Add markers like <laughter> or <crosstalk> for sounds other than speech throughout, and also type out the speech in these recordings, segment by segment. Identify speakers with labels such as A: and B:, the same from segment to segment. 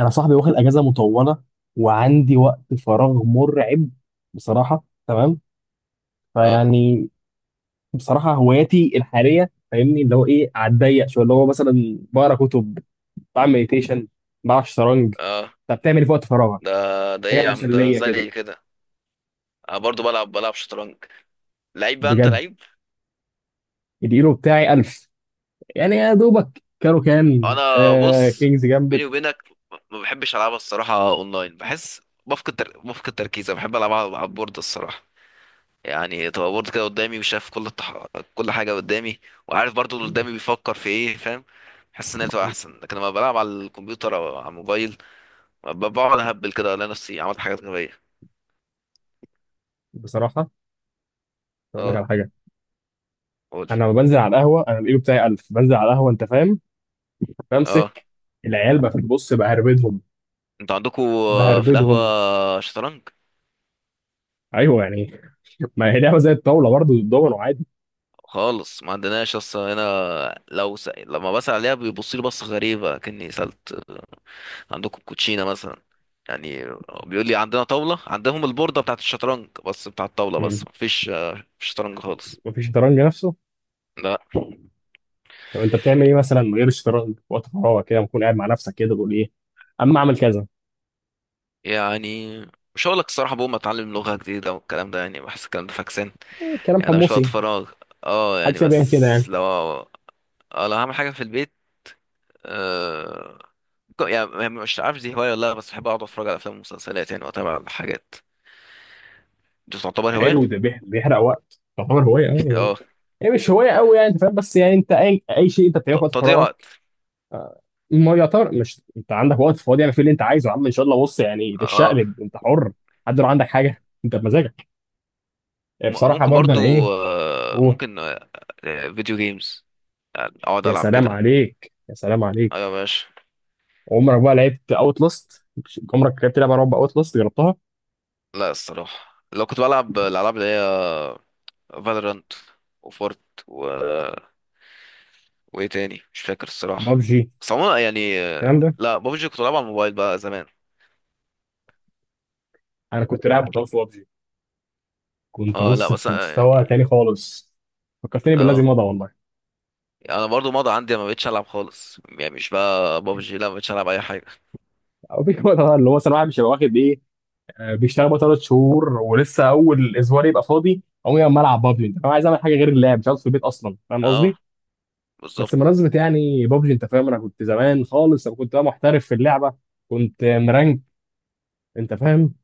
A: انا صاحبي واخد اجازه مطوله وعندي وقت فراغ مرعب. بصراحه تمام.
B: اه.
A: فيعني بصراحه هواياتي الحاليه، فاهمني اللي هو ايه، على الضيق شويه، اللي هو مثلا بقرا كتب، بعمل مديتيشن، بلعب شطرنج.
B: اه.
A: طب بتعمل إيه في وقت
B: ده
A: فراغك؟
B: ده
A: حاجه
B: ايه يا عم، ده
A: مسليه كده.
B: زي كده. انا برضو بلعب شطرنج. لعيب بقى، انت
A: بجد
B: لعيب.
A: اليورو بتاعي 1000، يعني يا دوبك كانوا كان
B: انا
A: آه
B: بص،
A: كينجز جامبت.
B: بيني وبينك، ما بحبش العبها الصراحه اونلاين، بحس بفقد بفقد تركيز. انا بحب العبها على البورد الصراحه. يعني تبقى بورد كده قدامي، وشايف كل كل حاجه قدامي، وعارف برضو اللي قدامي بيفكر في ايه، فاهم. بحس ان هي بتبقى احسن، لكن لما بلعب على الكمبيوتر او على الموبايل بقعد اهبل كده، الاقي نفسي عملت حاجات غبيه.
A: بصراحه اقول لك
B: اه.
A: على حاجه.
B: قول.
A: انا لما بنزل على القهوه، انا اليورو بتاعي 1000، بنزل على القهوه انت فاهم،
B: اه.
A: بمسك العيال بقى في البص بهربدهم.
B: انتوا عندكوا في
A: بهربدهم.
B: القهوة شطرنج؟
A: ايوه يعني <laughs> ما هي لعبه زي الطاوله، برضه الدومينو عادي.
B: خالص، ما عندناش اصلا هنا. لو لما بسأل عليها بيبص لي بصة غريبة، كأني سألت عندكم كوتشينة مثلا. يعني بيقول لي عندنا طاولة، عندهم البوردة بتاعة الشطرنج بس، بتاعة الطاولة، بس
A: مم.
B: مفيش شطرنج خالص.
A: مفيش شطرنج نفسه.
B: لا.
A: طب انت بتعمل ايه مثلا من غير الشطرنج وقت فراغك؟ كده بتكون قاعد مع نفسك كده تقول ايه، اما اعمل كذا.
B: يعني مش هقولك الصراحة، بقوم اتعلم لغة جديدة والكلام ده، يعني بحس الكلام ده فاكسان.
A: إيه، كلام
B: يعني ده مش وقت
A: حمصي.
B: فراغ. اه يعني،
A: محدش بيعمل كده
B: بس
A: يعني.
B: لو هعمل حاجة في البيت. آه، يعني مش عارف دي هواية ولا لا، بس بحب أقعد أتفرج على أفلام ومسلسلات يعني، وأتابع الحاجات دي. تعتبر هواية؟
A: حلو، ده بيحرق وقت، تعتبر هوايه اه
B: <laughs>
A: يعني.
B: اه.
A: هي مش هوايه قوي يعني انت فاهم، بس يعني انت اي شيء انت بتعمله في وقت
B: تضييع
A: فراغك.
B: وقت.
A: آه، ما يعتبر، مش انت عندك وقت فاضي يعني في اللي انت عايزه يا عم؟ ان شاء الله بص يعني
B: اه.
A: تتشقلب انت حر. حد لو عندك حاجه انت بمزاجك. بصراحه
B: ممكن
A: برضه
B: برضو،
A: انا ايه.
B: ممكن، فيديو جيمز، يعني أقعد
A: يا
B: ألعب
A: سلام
B: كده.
A: عليك يا سلام
B: أيوة يا
A: عليك.
B: باشا.
A: عمرك بقى لعبت اوت لاست؟ عمرك لعبت لعبه رعب اوت لاست؟ جربتها؟
B: لا الصراحة، لو كنت بلعب الألعاب اللي هي فالورانت، وفورت، و... وإيه تاني مش فاكر الصراحة.
A: بابجي.
B: بس عموما يعني،
A: الكلام ده.
B: لا بابجي كنت بلعبها على الموبايل بقى زمان.
A: انا كنت لاعب بطل في بابجي. كنت
B: اه لا،
A: بص
B: بس
A: في مستوى
B: يعني،
A: تاني خالص. فكرتني بالذي
B: اه،
A: مضى والله.
B: انا برضو ماضي عندي، ما بقتش العب خالص، يعني مش بقى بابجي، لا، ما بقتش العب اي حاجه.
A: والله اللي هو مثلا واحد مش هيبقى واخد ايه، بيشتغل بقى ثلاث شهور ولسه اول اسبوع، يبقى فاضي اقوم يا العب بابجي انت فاهم. عايز اعمل حاجه غير اللعب، مش عاوز في البيت اصلا فاهم
B: اه
A: قصدي. بس
B: بالظبط.
A: منظمه يعني بابجي انت فاهم. انا كنت زمان خالص، انا كنت بقى محترف في اللعبه. كنت مرانك انت فاهم.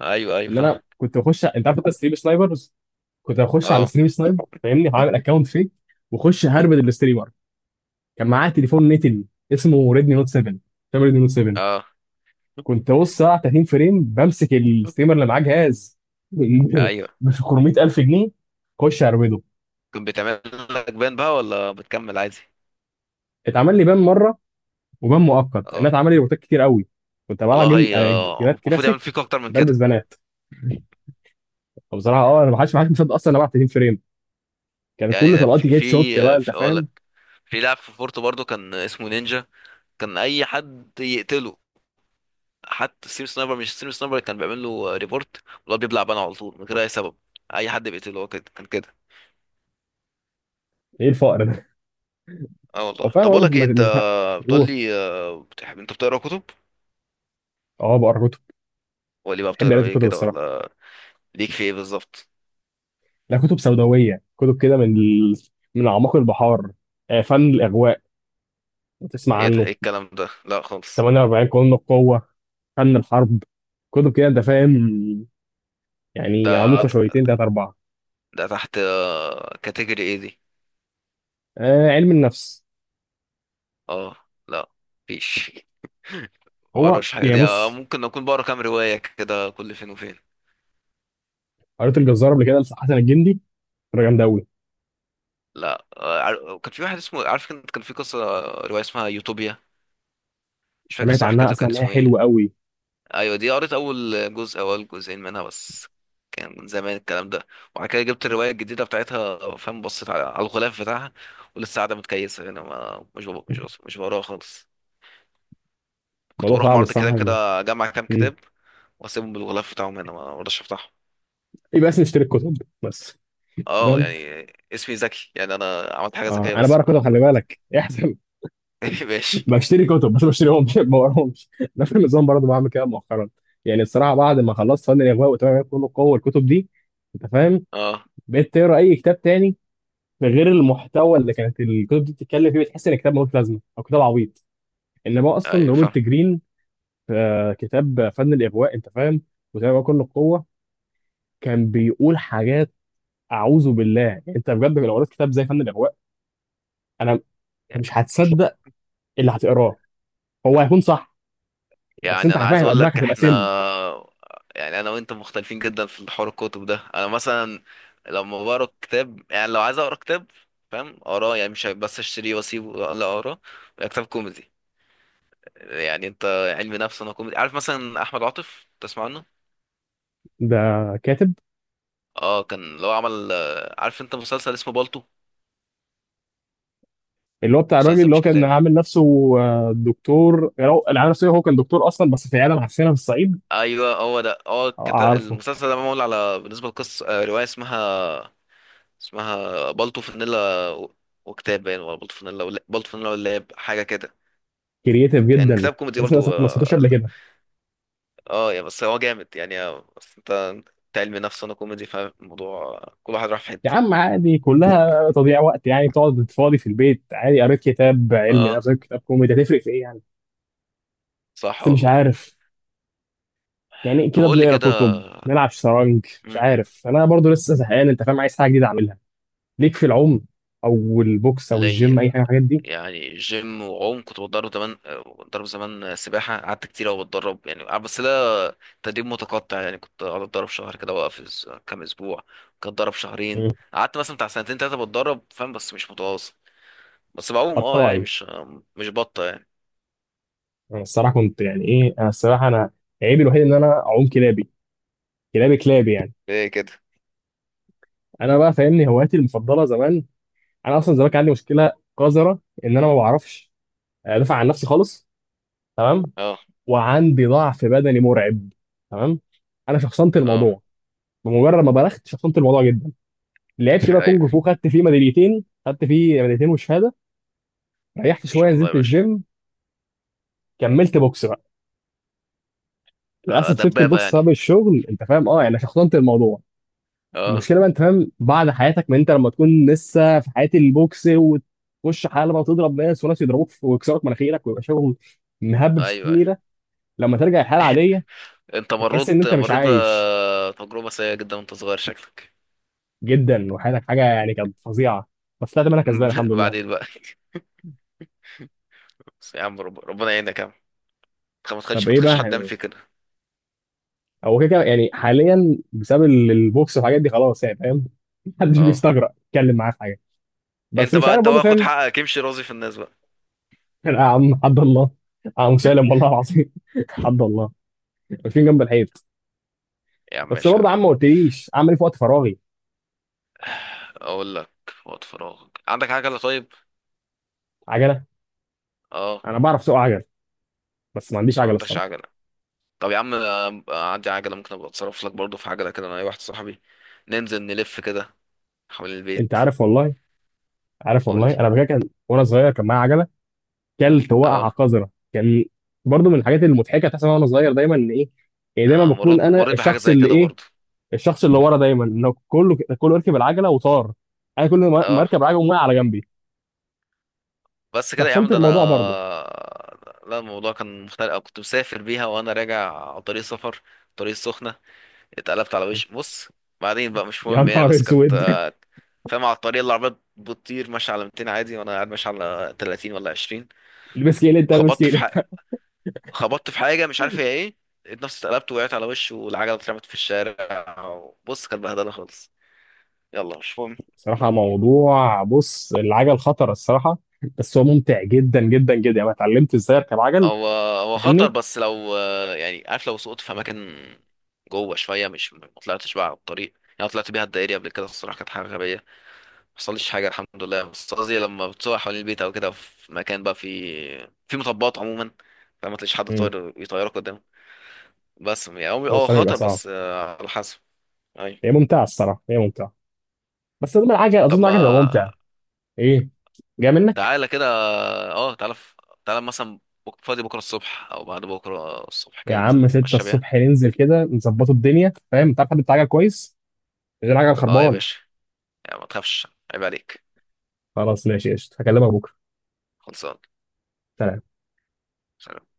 B: ايوه ايوه
A: ان
B: فاهم.
A: انا كنت بخش، انت عارف انت ستريم سنايبرز. كنت بخش على
B: اه.
A: ستريم سنايب فاهمني، هعمل اكونت فيك، واخش هربد الاستريمر. كان معاه تليفون نتن، اسمه ريدمي نوت 7. فاهم ريدمي نوت 7؟
B: اه.
A: كنت بص ساعه 30 فريم، بمسك الستريمر اللي معاه جهاز <laughs> ب
B: ايوه.
A: 400,000 جنيه اخش هربده.
B: كنت بتعمل لك بان بقى، ولا بتكمل عادي؟
A: اتعمل لي بان مره، وبان مؤقت. انا
B: اه
A: اتعمل لي روبوتات كتير قوي. كنت بلعب
B: والله.
A: جيم
B: هي
A: جيمات
B: المفروض يعمل
A: كلاسيك،
B: فيك اكتر من
A: بلبس
B: كده.
A: بنات. فبصراحه اه، انا ما حدش مصدق اصلا انا بلعب 30 فريم. كان كل
B: يعني
A: طلقاتي هيد شوت بقى انت
B: اقول
A: فاهم.
B: لك، في لاعب في فورتو برضو كان اسمه نينجا، كان اي حد يقتله، حتى ستيم سنايبر، مش ستيم سنايبر كان بيعمل له ريبورت والله، بيبلع بان على طول من غير اي سبب. اي حد بيقتله هو كده كان كده.
A: ايه الفقر ده.
B: اه
A: هو
B: والله.
A: فعلا
B: طب اقول
A: والله
B: لك ايه
A: ما
B: انت،
A: ما تفهم.
B: بتقول
A: هو
B: لي بتحب انت بتقرا كتب،
A: اه، بقرا كتب.
B: ولا بقى
A: بحب قراءة
B: بتقرا ايه
A: الكتب
B: كده،
A: الصراحة.
B: ولا؟ ليك في ايه بالظبط؟
A: لا، كتب سوداوية، كتب كده من ال... من أعماق البحار. فن الإغواء، تسمع
B: ايه ده،
A: عنه؟
B: ايه الكلام ده، لا خالص.
A: 48 قانون القوة، فن الحرب، كتب كده أنت فاهم، يعني
B: ده
A: عميقة شويتين تلاتة أربعة.
B: ده تحت كاتيجوري ايه دي؟
A: آه، علم النفس.
B: اه. لا. مفيش. <laughs>
A: هو
B: مبقراش حاجه
A: يعني
B: دي.
A: بص،
B: ممكن اكون بقرا كام روايه كده كل فين وفين.
A: قريت الجزار قبل كده لحسن الجندي، كانت جامدة أوي.
B: لا. كان في واحد اسمه عارف، كان كان في قصه آه، روايه اسمها يوتوبيا. مش فاكر
A: سمعت
B: الصراحه،
A: عنها
B: كاتب
A: أصلا
B: كان
A: إن هي
B: اسمه
A: حلوة
B: ايه.
A: أوي.
B: ايوه دي، قريت اول جزء او اول جزئين منها بس، كان من زمان الكلام ده. وبعد كده جبت الروايه الجديده بتاعتها، فاهم، بصيت على الغلاف بتاعها، ولسه قاعده متكيسه. انا ما مش بب- مش بص- مش بقراها خالص. كنت
A: الموضوع
B: بروح
A: صعب
B: معرض الكتاب
A: الصراحة.
B: كده، اجمع كام
A: مم.
B: كتاب، واسيبهم بالغلاف بتاعهم هنا، ما برضاش افتحهم.
A: يبقى اسمي اشتري الكتب بس.
B: اه
A: تمام.
B: يعني اسمي ذكي، يعني انا عملت حاجه
A: آه،
B: ذكيه
A: أنا
B: بس
A: بقرا كتب
B: ما.
A: خلي بالك <laughs> احسن.
B: <laughs> ماشي.
A: بشتري كتب بس بشتريهمش <laughs> ما بقراهمش. نفس النظام برضه، بعمل كده مؤخرا. يعني الصراحه بعد ما خلصت فن الاغواء، وتمام كله قوه، الكتب دي انت فاهم،
B: اه
A: بقيت تقرا اي كتاب تاني غير المحتوى اللي كانت الكتب دي بتتكلم فيه، بتحس ان الكتاب ملوش لازمه او كتاب عبيط. انما اصلا
B: ايوه
A: روبرت جرين في كتاب فن الاغواء انت فاهم، وتمام كله القوه، كان بيقول حاجات اعوذ بالله. يعني انت بجد لو قريت كتاب زي فن الاغواء، انا أنت
B: فاهم.
A: مش هتصدق اللي هتقراه، هو هيكون صح. بس
B: يعني
A: انت
B: انا
A: عارف
B: عايز
A: هيبقى
B: اقول
A: دماغك
B: لك،
A: هتبقى
B: احنا،
A: سم.
B: يعني انا وانت مختلفين جدا في حوار الكتب ده. انا مثلا، لما بقرا كتاب، يعني لو عايز اقرا كتاب، فاهم، اقراه. يعني مش بس اشتريه واسيبه، لا اقراه. كتاب كوميدي يعني. انت علم نفس، انا كوميدي. عارف مثلا احمد عاطف، تسمع عنه؟
A: ده كاتب.
B: اه. كان لو عمل، عارف انت مسلسل اسمه بالطو؟
A: اللي هو بتاع الراجل
B: مسلسل
A: اللي هو
B: مش
A: كان
B: كتاب.
A: عامل نفسه دكتور يعني، هو اللي عامل نفسه، هو كان دكتور اصلا بس في عياده معفنه في الصعيد.
B: ايوه، هو ده، هو
A: آه،
B: كتاب،
A: عارفه.
B: المسلسل ده معمول على، بالنسبه لقصه، روايه اسمها، اسمها بالطو فانيلا وكتاب باين، ولا بالطو فانيلا، ولا بالطو فانيلا واللاب، حاجه كده،
A: كرييتيف
B: يعني
A: جدا.
B: كتاب كوميدي
A: لسه
B: برضو.
A: لسه ما سمعتوش
B: اه
A: قبل
B: لا.
A: كده.
B: يا بس هو جامد يعني. بس انت، انت علمي نفس انا كوميدي، فالموضوع كل واحد راح في
A: يا
B: حته.
A: عم عادي، كلها تضييع وقت يعني. تقعد فاضي في البيت عادي، قريت كتاب علمي
B: اه
A: نفسك، قريت كتاب كوميدي، هتفرق في ايه يعني.
B: صح
A: بس مش
B: والله.
A: عارف. يعني
B: طب
A: كده
B: قول لي
A: بنقرا
B: كده.
A: كتب، نلعب شطرنج، مش
B: مم،
A: عارف. انا برضو لسه زهقان انت فاهم، عايز حاجه جديده اعملها. ليك في العوم، او البوكس، او
B: ليا.
A: الجيم، اي حاجه من الحاجات دي.
B: يعني جيم وعوم كنت بتدرب زمان، بتدرب زمان سباحة، قعدت كتير أوي بتدرب يعني، بس ده تدريب متقطع. يعني كنت قعدت أتدرب شهر كده وأقف كام أسبوع، كنت أتدرب شهرين،
A: مم.
B: قعدت مثلا بتاع سنتين تلاتة بتدرب، فاهم، بس مش متواصل. بس بعوم اه، يعني
A: قطاعي.
B: مش، مش بطة يعني.
A: انا الصراحه كنت يعني ايه، انا الصراحه انا عيبي الوحيد ان انا اعوم كلابي. كلابي كلابي يعني.
B: ايه كده.
A: انا بقى فاهمني هواياتي المفضله زمان. انا اصلا زمان كان عندي مشكله قذره، ان انا ما بعرفش ادافع عن نفسي خالص. تمام؟
B: اه.
A: وعندي ضعف بدني مرعب. تمام؟ انا شخصنت
B: اه.
A: الموضوع. بمجرد ما بلغت شخصنت الموضوع جدا. لعبت
B: <laughs>
A: بقى
B: ايوه.
A: كونج فو، خدت فيه ميداليتين، خدت فيه ميداليتين وشهاده. ريحت
B: ان
A: شويه،
B: شاء الله يا
A: نزلت
B: باشا.
A: الجيم، كملت بوكس بقى. للاسف سبت
B: دبابة
A: البوكس
B: يعني.
A: بسبب الشغل انت فاهم، اه يعني. شخصنت الموضوع.
B: اه.
A: المشكله بقى انت فاهم بعد حياتك، ما انت لما تكون لسه في حياه البوكس وتخش حلبه، وتضرب ناس وناس يضربوك ويكسروك مناخيرك، ويبقى شغل مهبب
B: ايوه.
A: ستين
B: أيوة.
A: نيره، لما ترجع الحياه العاديه
B: انت
A: بتحس ان
B: مريت
A: انت مش
B: مريت
A: عايش.
B: بتجربة سيئة جدا وانت صغير شكلك.
A: جدا، وحياتك حاجه يعني كانت فظيعه. بس طلعت منها كسبان الحمد
B: <laughs>
A: لله.
B: بعدين بقى. بس يا عم، ربنا يعينك يا عم. ما
A: طب
B: تخليش ما
A: ايه
B: تخليش حد يعمل
A: بقى؟
B: فيك كده.
A: هو كده كده يعني حاليا بسبب البوكس والحاجات دي، خلاص يعني فاهم <laughs> محدش
B: اه.
A: بيستجرأ يتكلم معاه في حاجه. بس
B: انت
A: مش
B: بقى
A: عارف
B: انت
A: برضه
B: بقى خد
A: فاهم.
B: حقك، امشي راضي في الناس بقى.
A: <laughs> يا عم حد الله. يا عم سالم، والله العظيم <laughs> حد الله، واقفين جنب الحيط.
B: يا عم
A: بس
B: ماشي يا
A: برضه يا
B: عم.
A: عم ما قلتليش اعمل ايه في وقت فراغي.
B: اقول لك، وقت فراغك عندك عجله؟ طيب.
A: عجله؟
B: اه،
A: انا بعرف اسوق عجل، بس ما عنديش
B: بس ما
A: عجله
B: عندكش
A: الصراحه.
B: عجله. طب يا عم، عندي عجله، ممكن ابقى اتصرف لك برضه في عجله كده، انا اي واحد صاحبي. ننزل نلف كده حوالين
A: انت
B: البيت.
A: عارف والله. عارف
B: قول لي.
A: والله انا بجد، كان وانا صغير كان معايا عجله. كلت وقعه
B: اه.
A: قذره كان. برضه من الحاجات المضحكه تحصل وانا صغير دايما، ان ايه، يعني دايما
B: مريت
A: بكون انا
B: مريت بحاجه
A: الشخص
B: زي
A: اللي
B: كده
A: ايه،
B: برضه.
A: الشخص اللي ورا دايما، انه كله كله يركب العجله وطار، انا كل ما
B: اه،
A: اركب العجله وقع على جنبي.
B: بس كده يا عم،
A: شخصنت
B: ده انا.
A: الموضوع برضه.
B: لا الموضوع كان مختلف، أو كنت مسافر بيها وانا راجع على طريق سفر، طريق السخنه، اتقلبت على وشي بص. بعدين بقى مش
A: يا
B: مهم يعني،
A: نهار
B: بس كانت
A: اسود <laughs>
B: فاهم، على الطريق اللي العربية بتطير ماشية على 200 عادي، وانا قاعد ماشي على 30 ولا 20،
A: البس كيلت البس
B: خبطت في
A: كيلت.
B: حاجة خبطت في حاجة مش عارف هي ايه. لقيت نفسي اتقلبت، وقعت على وشي، والعجلة اترمت في الشارع، بص كانت بهدلة خالص. يلا مش مهم.
A: صراحة موضوع بص العجل خطر الصراحة، بس هو ممتع جدا جدا جدا يعني. أنا اتعلمت ازاي اركب عجل
B: هو هو خطر،
A: فاهمني؟
B: بس لو يعني عارف، لو سقطت في اماكن جوه شوية، مش ما طلعتش بقى على الطريق. يعني أنا طلعت بيها الدائري قبل كده الصراحة، كانت حاجة غبية، حصلش حاجة الحمد لله. بس قصدي لما بتسوق حوالين البيت أو كده في مكان بقى، في مطبات عموما، فما تلاقيش حد
A: امم،
B: طاير يطيرك قدام. بس يعني هو
A: هو
B: هو
A: الصراحة بيبقى
B: خطر،
A: صعب.
B: بس على حسب. أي.
A: هي ممتعة الصراحة، هي ممتعة. بس اظن العجل،
B: طب
A: اظن
B: ما
A: العجل هيبقى ممتع. ايه؟ جاي منك.
B: تعالى كده. اه، تعالى مثلا، فاضي بكرة الصبح أو بعد بكرة الصبح
A: يا
B: كده، ننزل
A: عم 6
B: نتمشى بيها.
A: الصبح ننزل كده نظبطوا الدنيا فاهم؟ تعرف حد بتاع عجل كويس؟ غير عجل
B: اه يا
A: خربان.
B: باشا، يعني ما تخافش، عيب عليك.
A: خلاص ماشي قشطة، هكلمك بكرة.
B: خلصان.
A: سلام.
B: سلام.